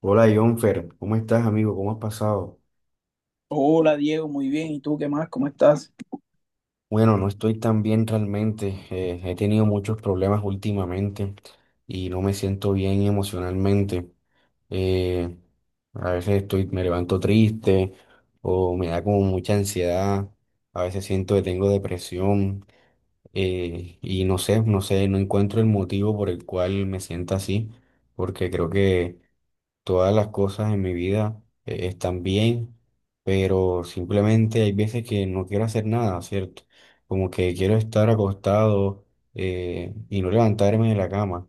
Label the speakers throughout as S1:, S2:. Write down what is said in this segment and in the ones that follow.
S1: Hola, Jonfer, ¿cómo estás, amigo? ¿Cómo has pasado?
S2: Hola Diego, muy bien. ¿Y tú qué más? ¿Cómo estás?
S1: Bueno, no estoy tan bien realmente. He tenido muchos problemas últimamente y no me siento bien emocionalmente. eh, a veces estoy, me levanto triste o me da como mucha ansiedad. A veces siento que tengo depresión. Y no sé, no encuentro el motivo por el cual me siento así, porque creo que todas las cosas en mi vida están bien, pero simplemente hay veces que no quiero hacer nada, ¿cierto? Como que quiero estar acostado y no levantarme de la cama.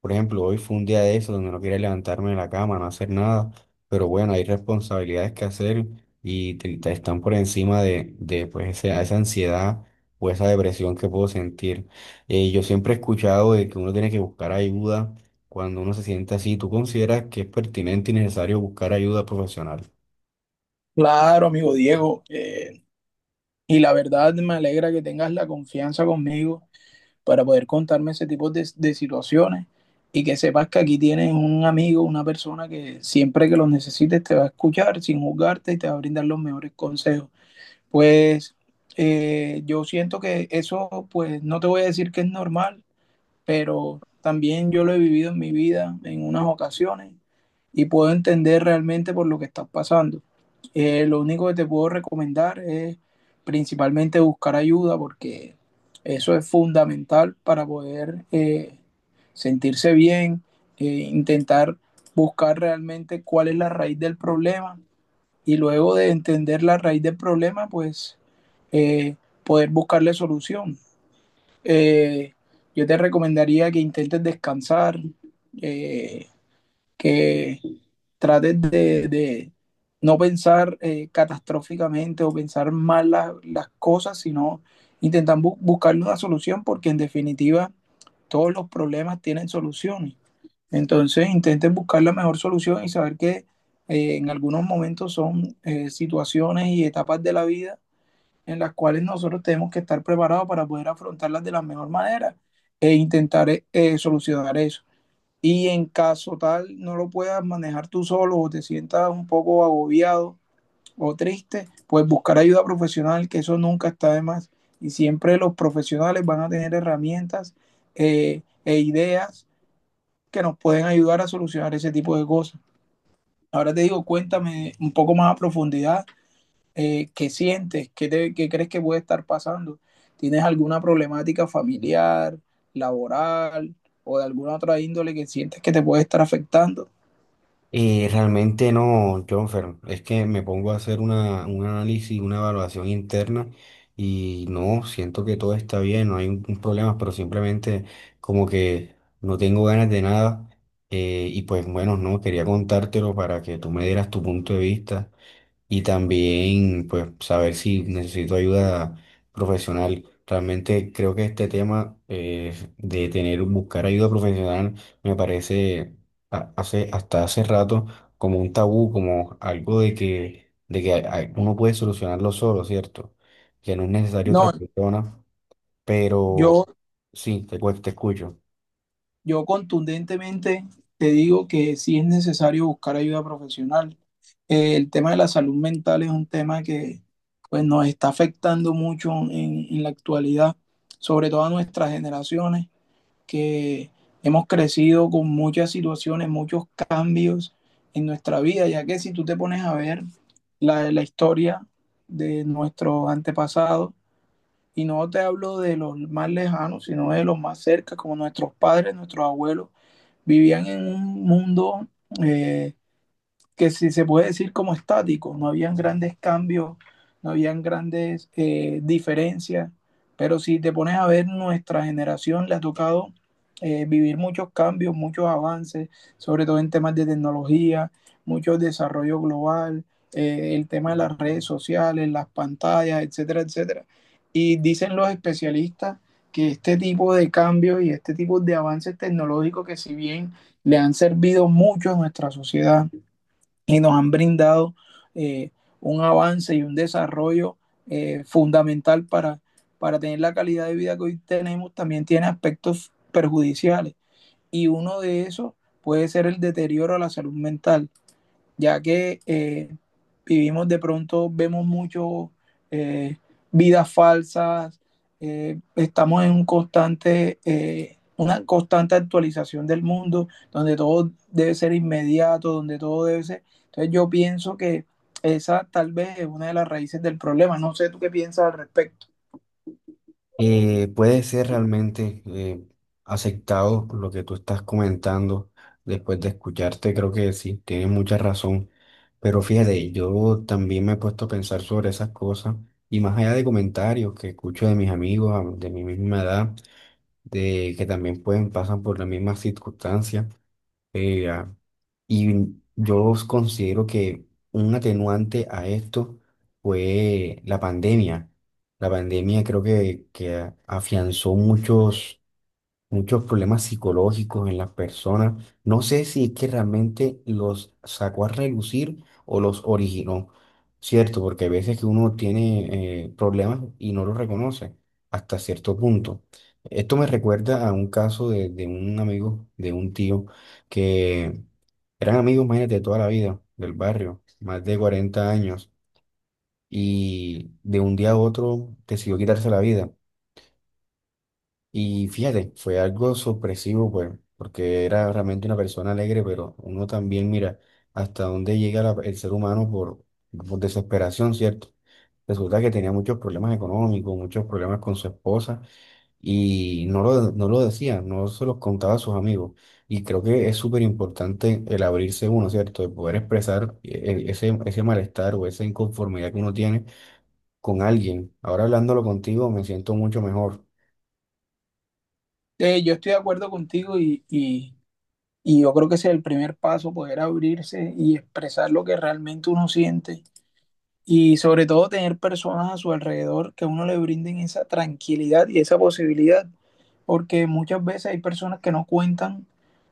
S1: Por ejemplo, hoy fue un día de eso donde no quería levantarme de la cama, no hacer nada, pero bueno, hay responsabilidades que hacer y te están por encima de pues, esa ansiedad o esa depresión que puedo sentir. Yo siempre he escuchado de que uno tiene que buscar ayuda cuando uno se siente así. ¿Tú consideras que es pertinente y necesario buscar ayuda profesional?
S2: Claro, amigo Diego. Y la verdad me alegra que tengas la confianza conmigo para poder contarme ese tipo de situaciones y que sepas que aquí tienes un amigo, una persona que siempre que los necesites te va a escuchar sin juzgarte y te va a brindar los mejores consejos. Pues yo siento que eso, pues no te voy a decir que es normal, pero también yo lo he vivido en mi vida en unas ocasiones y puedo entender realmente por lo que estás pasando. Lo único que te puedo recomendar es principalmente buscar ayuda porque eso es fundamental para poder sentirse bien, eh, intentar buscar realmente cuál es la raíz del problema y luego de entender la raíz del problema, pues eh, poder buscarle solución. Eh, yo te recomendaría que intentes descansar, eh, que trates de no pensar catastróficamente o pensar mal las cosas, sino intentar buscar una solución porque en definitiva todos los problemas tienen soluciones. Entonces intenten buscar la mejor solución y saber que en algunos momentos son situaciones y etapas de la vida en las cuales nosotros tenemos que estar preparados para poder afrontarlas de la mejor manera e intentar solucionar eso. Y en caso tal no lo puedas manejar tú solo o te sientas un poco agobiado o triste, pues buscar ayuda profesional, que eso nunca está de más. Y siempre los profesionales van a tener herramientas e ideas que nos pueden ayudar a solucionar ese tipo de cosas. Ahora te digo, cuéntame un poco más a profundidad qué sientes, qué, qué crees que puede estar pasando. ¿Tienes alguna problemática familiar, laboral o de alguna otra índole que sientes que te puede estar afectando?
S1: Realmente no, Jonfer. Es que me pongo a hacer una, un análisis, una evaluación interna y no, siento que todo está bien, no hay un problema, pero simplemente como que no tengo ganas de nada. Y pues bueno, no, quería contártelo para que tú me dieras tu punto de vista y también pues saber si necesito ayuda profesional. Realmente creo que este tema de tener, buscar ayuda profesional me parece hace, hasta hace rato como un tabú, como algo de que uno puede solucionarlo solo, ¿cierto? Que no es necesario otra
S2: No,
S1: persona, pero
S2: yo,
S1: sí, te, te escucho.
S2: yo contundentemente te digo que sí es necesario buscar ayuda profesional. El tema de la salud mental es un tema que pues, nos está afectando mucho en la actualidad, sobre todo a nuestras generaciones, que hemos crecido con muchas situaciones, muchos cambios en nuestra vida, ya que si tú te pones a ver la historia de nuestros antepasados, y no te hablo de los más lejanos, sino de los más cerca, como nuestros padres, nuestros abuelos, vivían en un mundo eh, que si se puede decir como estático, no habían grandes cambios, no habían grandes diferencias, pero si te pones a ver, nuestra generación le ha tocado vivir muchos cambios, muchos avances, sobre todo en temas de tecnología, mucho desarrollo global, el tema de las redes sociales, las pantallas, etcétera, etcétera. Y dicen los especialistas que este tipo de cambios y este tipo de avances tecnológicos que si bien le han servido mucho a nuestra sociedad, y nos han brindado eh, un avance y un desarrollo fundamental para tener la calidad de vida que hoy tenemos, también tiene aspectos perjudiciales. Y uno de esos puede ser el deterioro a la salud mental ya que vivimos de pronto, vemos mucho eh, vidas falsas, estamos en un constante, una constante actualización del mundo, donde todo debe ser inmediato, donde todo debe ser. Entonces yo pienso que esa tal vez es una de las raíces del problema. No sé tú qué piensas al respecto.
S1: Puede ser realmente aceptado lo que tú estás comentando. Después de escucharte, creo que sí, tienes mucha razón, pero fíjate, yo también me he puesto a pensar sobre esas cosas y más allá de comentarios que escucho de mis amigos de mi misma edad, de que también pueden pasan por las mismas circunstancias. Eh, ah, y yo os considero que un atenuante a esto fue la pandemia. La pandemia creo que afianzó muchos muchos problemas psicológicos en las personas. No sé si es que realmente los sacó a relucir o los originó, ¿cierto? Porque hay veces que uno tiene problemas y no los reconoce hasta cierto punto. Esto me recuerda a un caso de un amigo, de un tío, que eran amigos, imagínate, de toda la vida, del barrio, más de 40 años, y de un día a otro decidió quitarse la vida. Y fíjate, fue algo sorpresivo, pues, porque era realmente una persona alegre, pero uno también mira hasta dónde llega el ser humano por desesperación, ¿cierto? Resulta que tenía muchos problemas económicos, muchos problemas con su esposa y no lo decía, no se los contaba a sus amigos. Y creo que es súper importante el abrirse uno, ¿cierto? El poder expresar ese malestar o esa inconformidad que uno tiene con alguien. Ahora hablándolo contigo me siento mucho mejor.
S2: Yo estoy de acuerdo contigo y yo creo que ese es el primer paso, poder abrirse y expresar lo que realmente uno siente. Y sobre todo tener personas a su alrededor que a uno le brinden esa tranquilidad y esa posibilidad. Porque muchas veces hay personas que no cuentan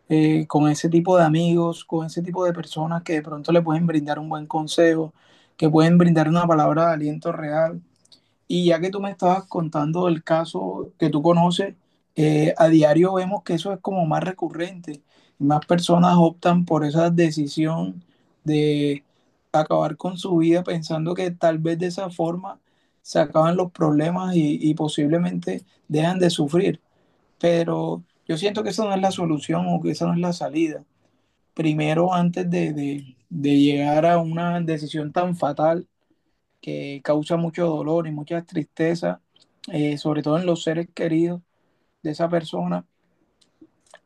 S2: con ese tipo de amigos, con ese tipo de personas que de pronto le pueden brindar un buen consejo, que pueden brindar una palabra de aliento real y ya que tú me estabas contando el caso que tú conoces, a diario vemos que eso es como más recurrente. Más personas optan por esa decisión de acabar con su vida pensando que tal vez de esa forma se acaban los problemas y posiblemente dejan de sufrir. Pero yo siento que esa no es la solución o que esa no es la salida. Primero, antes de llegar a una decisión tan fatal que causa mucho dolor y mucha tristeza, sobre todo en los seres queridos de esa persona.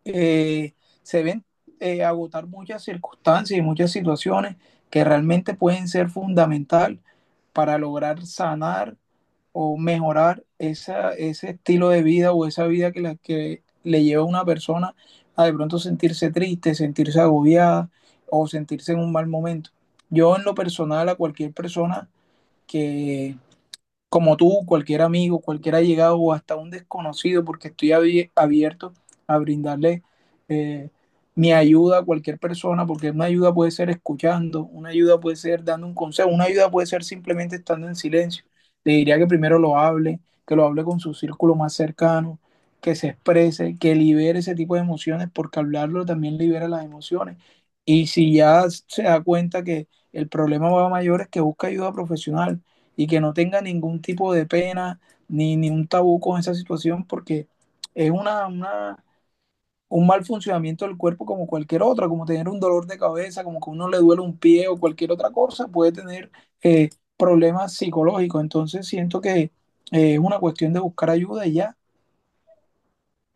S2: Eh, Se ven agotar muchas circunstancias y muchas situaciones que realmente pueden ser fundamental para lograr sanar o mejorar esa, ese estilo de vida o esa vida que le lleva a una persona a de pronto sentirse triste, sentirse agobiada o sentirse en un mal momento. Yo en lo personal a cualquier persona que como tú, cualquier amigo, cualquier allegado o hasta un desconocido, porque estoy abierto a brindarle eh, mi ayuda a cualquier persona, porque una ayuda puede ser escuchando, una ayuda puede ser dando un consejo, una ayuda puede ser simplemente estando en silencio. Le diría que primero lo hable, que lo hable con su círculo más cercano, que se exprese, que libere ese tipo de emociones, porque hablarlo también libera las emociones. Y si ya se da cuenta que el problema va a mayores, que busque ayuda profesional y que no tenga ningún tipo de pena ni un tabú con esa situación porque es un mal funcionamiento del cuerpo como cualquier otra, como tener un dolor de cabeza, como que a uno le duele un pie o cualquier otra cosa, puede tener eh, problemas psicológicos. Entonces siento que es una cuestión de buscar ayuda y ya.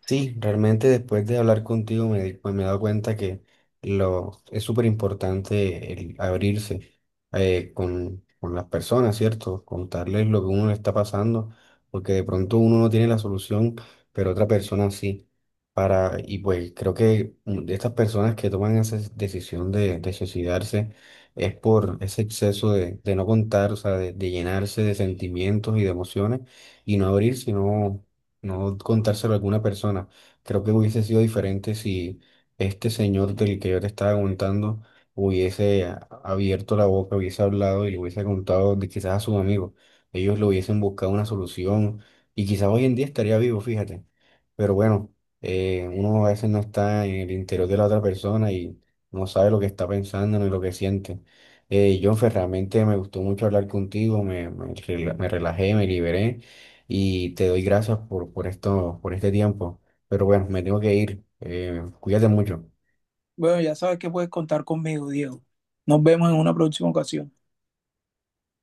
S1: Sí, realmente después de hablar contigo me, pues me he dado cuenta que lo, es súper importante el abrirse con las personas, ¿cierto? Contarles lo que uno le está pasando, porque de pronto uno no tiene la solución, pero otra persona sí. Para, y pues creo que de estas personas que toman esa decisión de suicidarse es por ese exceso de no contar, o sea, de llenarse de sentimientos y de emociones y no abrir, sino no contárselo a alguna persona. Creo que hubiese sido diferente si este señor del que yo te estaba contando hubiese a- abierto la boca, hubiese hablado y le hubiese contado de quizás a sus amigos. Ellos le hubiesen buscado una solución y quizás hoy en día estaría vivo, fíjate. Pero bueno, uno a veces no está en el interior de la otra persona y no sabe lo que está pensando ni lo que siente. Jonfer, realmente me gustó mucho hablar contigo, me, me relajé, me liberé y te doy gracias por esto, por este tiempo. Pero bueno, me tengo que ir. Cuídate mucho.
S2: Bueno, ya sabes que puedes contar conmigo, Diego. Nos vemos en una próxima ocasión.